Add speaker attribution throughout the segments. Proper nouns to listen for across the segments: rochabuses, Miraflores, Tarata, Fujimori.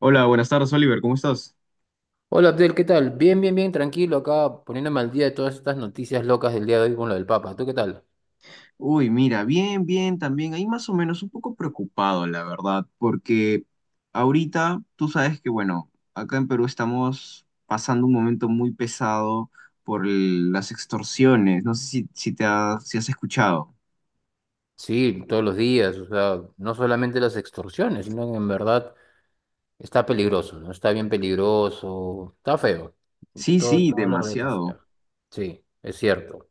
Speaker 1: Hola, buenas tardes, Oliver, ¿cómo estás?
Speaker 2: Hola Abdel, ¿qué tal? Bien, bien, bien, tranquilo acá poniéndome al día de todas estas noticias locas del día de hoy con lo del Papa. ¿Tú qué tal?
Speaker 1: Uy, mira, bien, bien, también ahí más o menos un poco preocupado, la verdad, porque ahorita tú sabes que, bueno, acá en Perú estamos pasando un momento muy pesado las extorsiones, no sé si si has escuchado.
Speaker 2: Sí, todos los días, o sea, no solamente las extorsiones, sino que en verdad está peligroso, ¿no? Está bien peligroso, está feo.
Speaker 1: Sí,
Speaker 2: Todo,
Speaker 1: sí,
Speaker 2: toda la red está
Speaker 1: demasiado.
Speaker 2: fea. Sí, es cierto.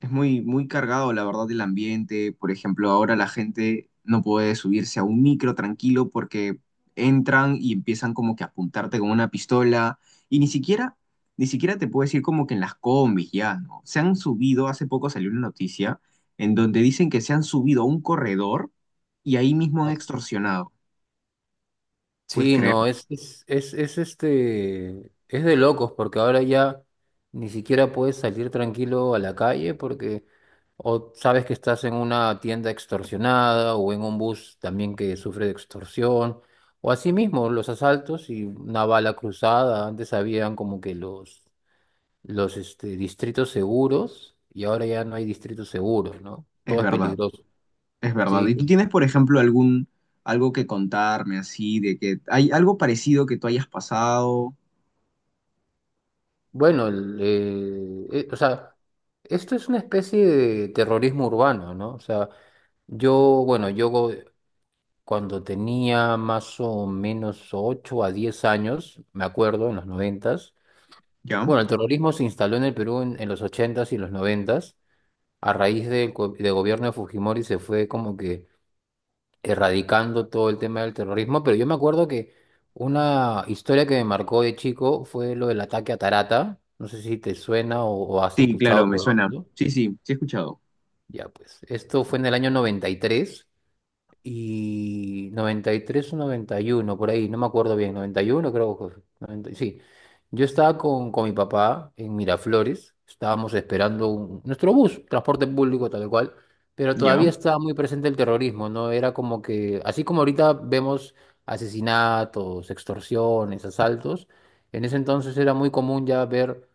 Speaker 1: Es muy, muy cargado, la verdad, el ambiente. Por ejemplo, ahora la gente no puede subirse a un micro tranquilo porque entran y empiezan como que a apuntarte con una pistola y ni siquiera, ni siquiera te puedes ir como que en las combis ya, ¿no? Se han subido, hace poco salió una noticia en donde dicen que se han subido a un corredor y ahí mismo han extorsionado. ¿Puedes
Speaker 2: Sí,
Speaker 1: creer?
Speaker 2: no, es de locos, porque ahora ya ni siquiera puedes salir tranquilo a la calle porque o sabes que estás en una tienda extorsionada o en un bus también que sufre de extorsión, o así mismo los asaltos y una bala cruzada. Antes habían como que distritos seguros y ahora ya no hay distritos seguros, ¿no?
Speaker 1: Es
Speaker 2: Todo es
Speaker 1: verdad,
Speaker 2: peligroso.
Speaker 1: es verdad.
Speaker 2: Sí,
Speaker 1: ¿Y tú tienes, por ejemplo, algún, algo que contarme así, de que hay algo parecido que tú hayas pasado,
Speaker 2: bueno, o sea, esto es una especie de terrorismo urbano, ¿no? O sea, yo, bueno, yo cuando tenía más o menos 8 a 10 años, me acuerdo, en los noventas.
Speaker 1: ya?
Speaker 2: Bueno, el terrorismo se instaló en el Perú en los ochentas y los noventas a raíz del del gobierno de Fujimori se fue como que erradicando todo el tema del terrorismo, pero yo me acuerdo que una historia que me marcó de chico fue lo del ataque a Tarata. No sé si te suena o has
Speaker 1: Sí, claro,
Speaker 2: escuchado
Speaker 1: me
Speaker 2: sobre
Speaker 1: suena.
Speaker 2: eso.
Speaker 1: Sí, sí, sí he escuchado.
Speaker 2: Ya, pues, esto fue en el año 93 y 93 o 91 por ahí, no me acuerdo bien, 91 creo que fue, 90 sí. Yo estaba con mi papá en Miraflores, estábamos esperando nuestro bus, transporte público tal cual, pero
Speaker 1: Ya,
Speaker 2: todavía estaba muy presente el terrorismo, ¿no? Era como que, así como ahorita vemos asesinatos, extorsiones, asaltos, en ese entonces era muy común ya ver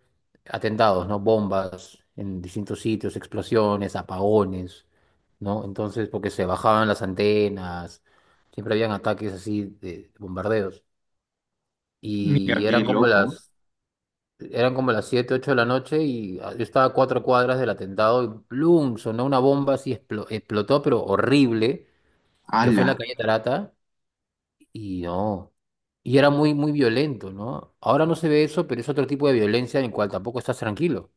Speaker 2: atentados, ¿no? Bombas en distintos sitios, explosiones, apagones, ¿no? Entonces, porque se bajaban las antenas, siempre habían ataques así de bombardeos.
Speaker 1: mira,
Speaker 2: Y
Speaker 1: qué
Speaker 2: eran como
Speaker 1: loco.
Speaker 2: las, eran como las 7 8 de la noche y yo estaba a 4 cuadras del atentado y ¡plum! Sonó una bomba así, explotó, pero horrible, que fue en la
Speaker 1: Ala.
Speaker 2: calle Tarata y no. Y era muy, muy violento, ¿no? Ahora no se ve eso, pero es otro tipo de violencia en el cual tampoco estás tranquilo.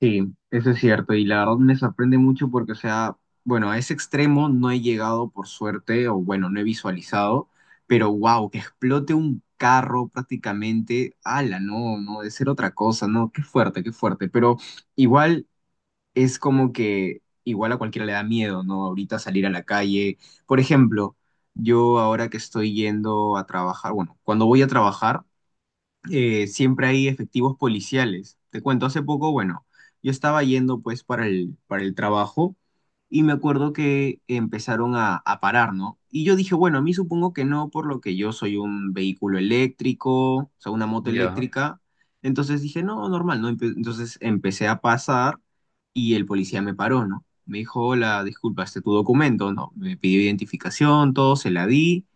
Speaker 1: Sí, eso es cierto. Y la verdad me sorprende mucho porque, o sea, bueno, a ese extremo no he llegado por suerte, o bueno, no he visualizado, pero wow, que explote un carro prácticamente. Ala, no, no, debe ser otra cosa, no, qué fuerte, qué fuerte. Pero igual, es como que igual a cualquiera le da miedo, ¿no? Ahorita salir a la calle. Por ejemplo, yo ahora que estoy yendo a trabajar, bueno, cuando voy a trabajar, siempre hay efectivos policiales. Te cuento, hace poco, bueno, yo estaba yendo pues para el trabajo y me acuerdo que empezaron a parar, ¿no? Y yo dije, bueno, a mí supongo que no, por lo que yo soy un vehículo eléctrico, o sea, una moto
Speaker 2: Ya.
Speaker 1: eléctrica. Entonces dije, no, normal, ¿no? Entonces empecé a pasar y el policía me paró, ¿no? Me dijo, hola, disculpa, este es tu documento, ¿no? Me pidió identificación, todo, se la di.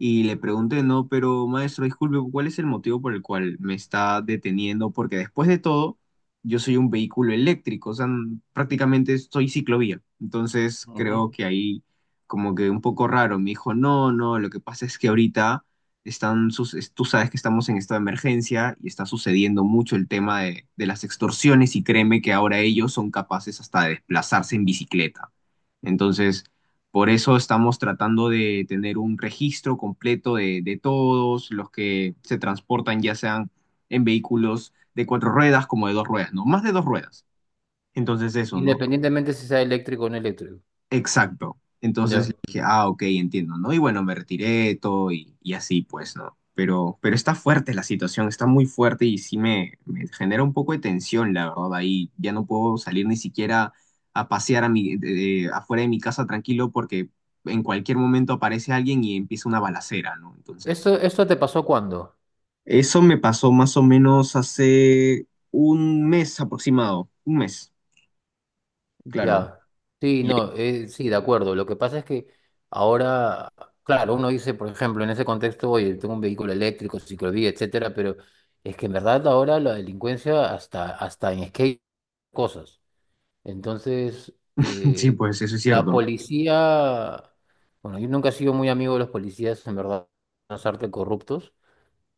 Speaker 1: Y le pregunté, no, pero maestro, disculpe, ¿cuál es el motivo por el cual me está deteniendo? Porque después de todo, yo soy un vehículo eléctrico, o sea, prácticamente soy ciclovía. Entonces creo
Speaker 2: Ujú.
Speaker 1: que ahí como que un poco raro. Me dijo, no, no, lo que pasa es que ahorita tú sabes que estamos en estado de emergencia y está sucediendo mucho el tema de las extorsiones y créeme que ahora ellos son capaces hasta de desplazarse en bicicleta. Entonces... Por eso estamos tratando de tener un registro completo de todos los que se transportan, ya sean en vehículos de cuatro ruedas como de dos ruedas, ¿no? Más de dos ruedas. Entonces eso, ¿no?
Speaker 2: Independientemente si sea eléctrico o no eléctrico.
Speaker 1: Exacto. Entonces
Speaker 2: Ya.
Speaker 1: le dije, ah, ok, entiendo, ¿no? Y bueno, me retiré todo y así, pues, ¿no? Pero está fuerte la situación, está muy fuerte y sí me genera un poco de tensión, la verdad. Ahí ya no puedo salir ni siquiera a pasear a mi, de- afuera de mi casa tranquilo porque en cualquier momento aparece alguien y empieza una balacera, ¿no? Entonces,
Speaker 2: ¿Esto te pasó cuándo?
Speaker 1: eso me pasó más o menos hace un mes aproximado, un mes, claro.
Speaker 2: Ya, sí, no, sí, de acuerdo. Lo que pasa es que ahora, claro, uno dice, por ejemplo, en ese contexto, oye, tengo un vehículo eléctrico, ciclovía, etcétera, pero es que en verdad ahora la delincuencia hasta en skate cosas. Entonces,
Speaker 1: Sí, pues, eso es
Speaker 2: la
Speaker 1: cierto,
Speaker 2: policía, bueno, yo nunca he sido muy amigo de los policías, en verdad, las artes corruptos,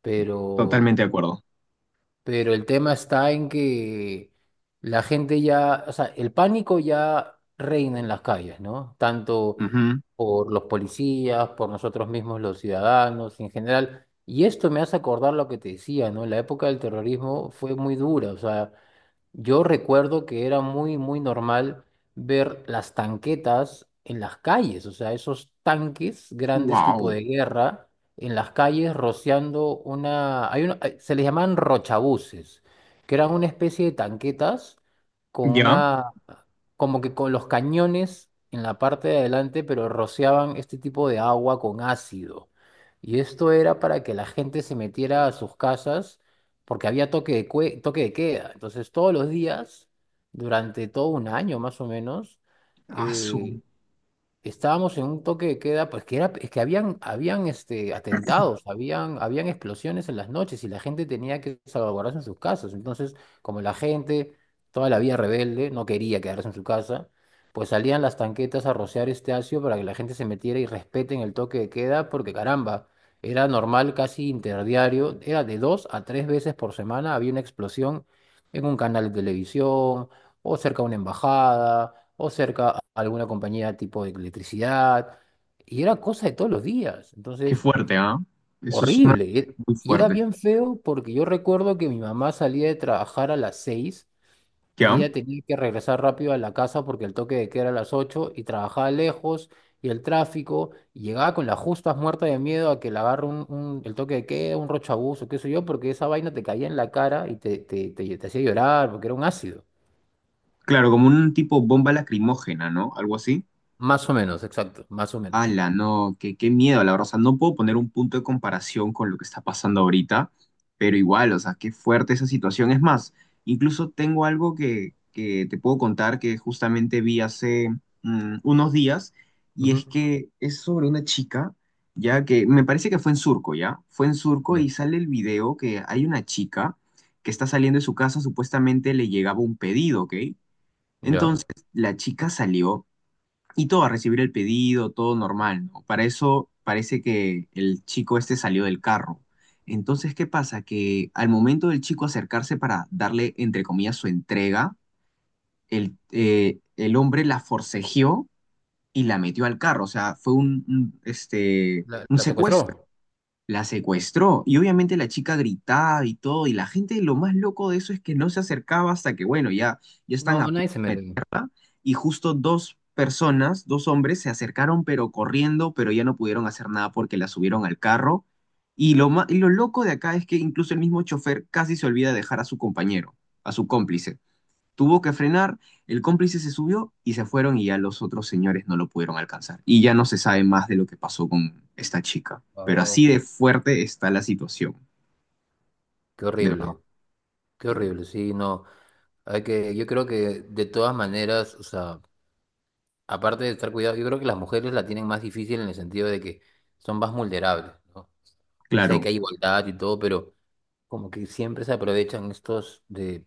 Speaker 2: pero
Speaker 1: totalmente de acuerdo.
Speaker 2: el tema está en que la gente ya, o sea, el pánico ya reina en las calles, ¿no? Tanto
Speaker 1: Ujú.
Speaker 2: por los policías, por nosotros mismos los ciudadanos en general. Y esto me hace acordar lo que te decía, ¿no? La época del terrorismo fue muy dura, o sea, yo recuerdo que era muy, muy normal ver las tanquetas en las calles, o sea, esos tanques grandes tipo
Speaker 1: Wow.
Speaker 2: de guerra en las calles rociando una... Se les llamaban rochabuses, que eran una especie de tanquetas con
Speaker 1: Ya.
Speaker 2: una, como que con los cañones en la parte de adelante, pero rociaban este tipo de agua con ácido. Y esto era para que la gente se metiera a sus casas porque había toque de queda. Entonces, todos los días, durante todo un año más o menos,
Speaker 1: Asu.
Speaker 2: eh, estábamos en un toque de queda, pues que era, es que atentados, habían explosiones en las noches y la gente tenía que salvaguardarse en sus casas. Entonces, como la gente, toda la vía rebelde, no quería quedarse en su casa, pues salían las tanquetas a rociar este ácido para que la gente se metiera y respeten el toque de queda, porque caramba, era normal, casi interdiario, era de dos a tres veces por semana, había una explosión en un canal de televisión o cerca a una embajada, o cerca a alguna compañía tipo de electricidad, y era cosa de todos los días.
Speaker 1: Qué
Speaker 2: Entonces,
Speaker 1: fuerte, ¿ah? Eso es una
Speaker 2: horrible,
Speaker 1: muy
Speaker 2: y era
Speaker 1: fuerte.
Speaker 2: bien feo porque yo recuerdo que mi mamá salía de trabajar a las 6 y
Speaker 1: Ya.
Speaker 2: ella tenía que regresar rápido a la casa porque el toque de queda era a las 8 y trabajaba lejos. Y el tráfico, y llegaba con las justas muerta de miedo a que le agarre el toque de queda, un rochabuzo, qué sé yo, porque esa vaina te caía en la cara y te hacía llorar porque era un ácido.
Speaker 1: Claro, como un tipo bomba lacrimógena, ¿no? Algo así.
Speaker 2: Más o menos, exacto, más o menos.
Speaker 1: Ala, no, qué, qué miedo, la verdad. O sea, no puedo poner un punto de comparación con lo que está pasando ahorita, pero igual, o sea, qué fuerte esa situación. Es más, incluso tengo algo que te puedo contar que justamente vi hace unos días, y
Speaker 2: Ujú.
Speaker 1: es que es sobre una chica, ya que me parece que fue en Surco, ¿ya? Fue en Surco
Speaker 2: Ya.
Speaker 1: y sale el video que hay una chica que está saliendo de su casa, supuestamente le llegaba un pedido, ¿ok? Entonces,
Speaker 2: ¿Ya?
Speaker 1: la chica salió y todo, a recibir el pedido, todo normal, ¿no? Para eso parece que el chico este salió del carro. Entonces, ¿qué pasa? Que al momento del chico acercarse para darle, entre comillas, su entrega, el hombre la forcejeó y la metió al carro. O sea, fue
Speaker 2: ¿La,
Speaker 1: un
Speaker 2: la
Speaker 1: secuestro.
Speaker 2: secuestró?
Speaker 1: La secuestró y obviamente la chica gritaba y todo y la gente lo más loco de eso es que no se acercaba hasta que bueno, ya, ya están
Speaker 2: No,
Speaker 1: a punto
Speaker 2: nadie se
Speaker 1: de
Speaker 2: metió.
Speaker 1: meterla y justo dos personas, dos hombres se acercaron pero corriendo pero ya no pudieron hacer nada porque la subieron al carro y y lo loco de acá es que incluso el mismo chofer casi se olvida de dejar a su compañero, a su cómplice tuvo que frenar, el cómplice se subió y se fueron y ya los otros señores no lo pudieron alcanzar. Y ya no se sabe más de lo que pasó con esta chica. Pero así
Speaker 2: Wow,
Speaker 1: de fuerte está la situación,
Speaker 2: qué
Speaker 1: de verdad.
Speaker 2: horrible, qué horrible, sí, no. Yo creo que de todas maneras, o sea, aparte de estar cuidado, yo creo que las mujeres la tienen más difícil en el sentido de que son más vulnerables, ¿no? Sé
Speaker 1: Claro,
Speaker 2: que hay igualdad y todo, pero como que siempre se aprovechan estos de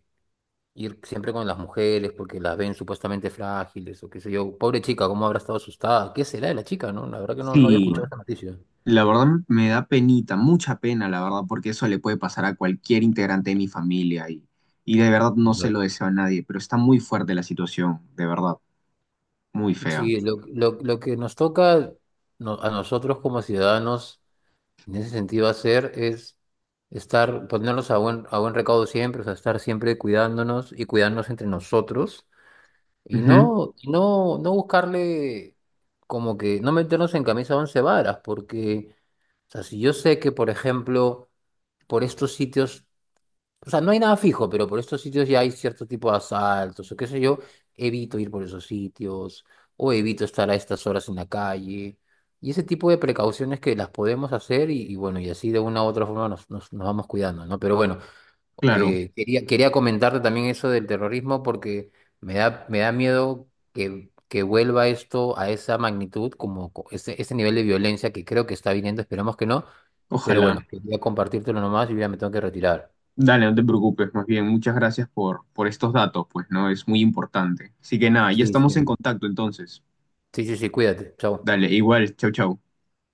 Speaker 2: ir siempre con las mujeres porque las ven supuestamente frágiles o qué sé yo. Pobre chica, ¿cómo habrá estado asustada? ¿Qué será de la chica, no? La verdad que no, no había
Speaker 1: sí,
Speaker 2: escuchado esa noticia.
Speaker 1: la verdad me da penita, mucha pena, la verdad, porque eso le puede pasar a cualquier integrante de mi familia y de verdad no se
Speaker 2: Claro.
Speaker 1: lo deseo a nadie, pero está muy fuerte la situación, de verdad, muy fea.
Speaker 2: Sí, lo que nos toca a nosotros como ciudadanos en ese sentido hacer es ponernos a buen recaudo siempre, o sea, estar siempre cuidándonos y cuidarnos entre nosotros y
Speaker 1: Ujú,
Speaker 2: no, y no, no buscarle, como que no meternos en camisa once varas, porque o sea, si yo sé que, por ejemplo, por estos sitios, o sea, no hay nada fijo, pero por estos sitios ya hay cierto tipo de asaltos o qué sé yo, evito ir por esos sitios o evito estar a estas horas en la calle. Y ese tipo de precauciones que las podemos hacer y bueno, y así de una u otra forma nos vamos cuidando, ¿no? Pero bueno,
Speaker 1: claro,
Speaker 2: quería comentarte también eso del terrorismo porque me da miedo que vuelva esto a esa magnitud, como ese, ese nivel de violencia que creo que está viniendo, esperemos que no, pero
Speaker 1: ojalá.
Speaker 2: bueno, quería compartírtelo nomás y ya me tengo que retirar.
Speaker 1: Dale, no te preocupes, más bien, muchas gracias por estos datos, pues, ¿no? Es muy importante. Así que nada, ya
Speaker 2: Sí, sí,
Speaker 1: estamos en contacto entonces.
Speaker 2: sí, sí, sí, cuídate, chao.
Speaker 1: Dale, igual, chau, chau.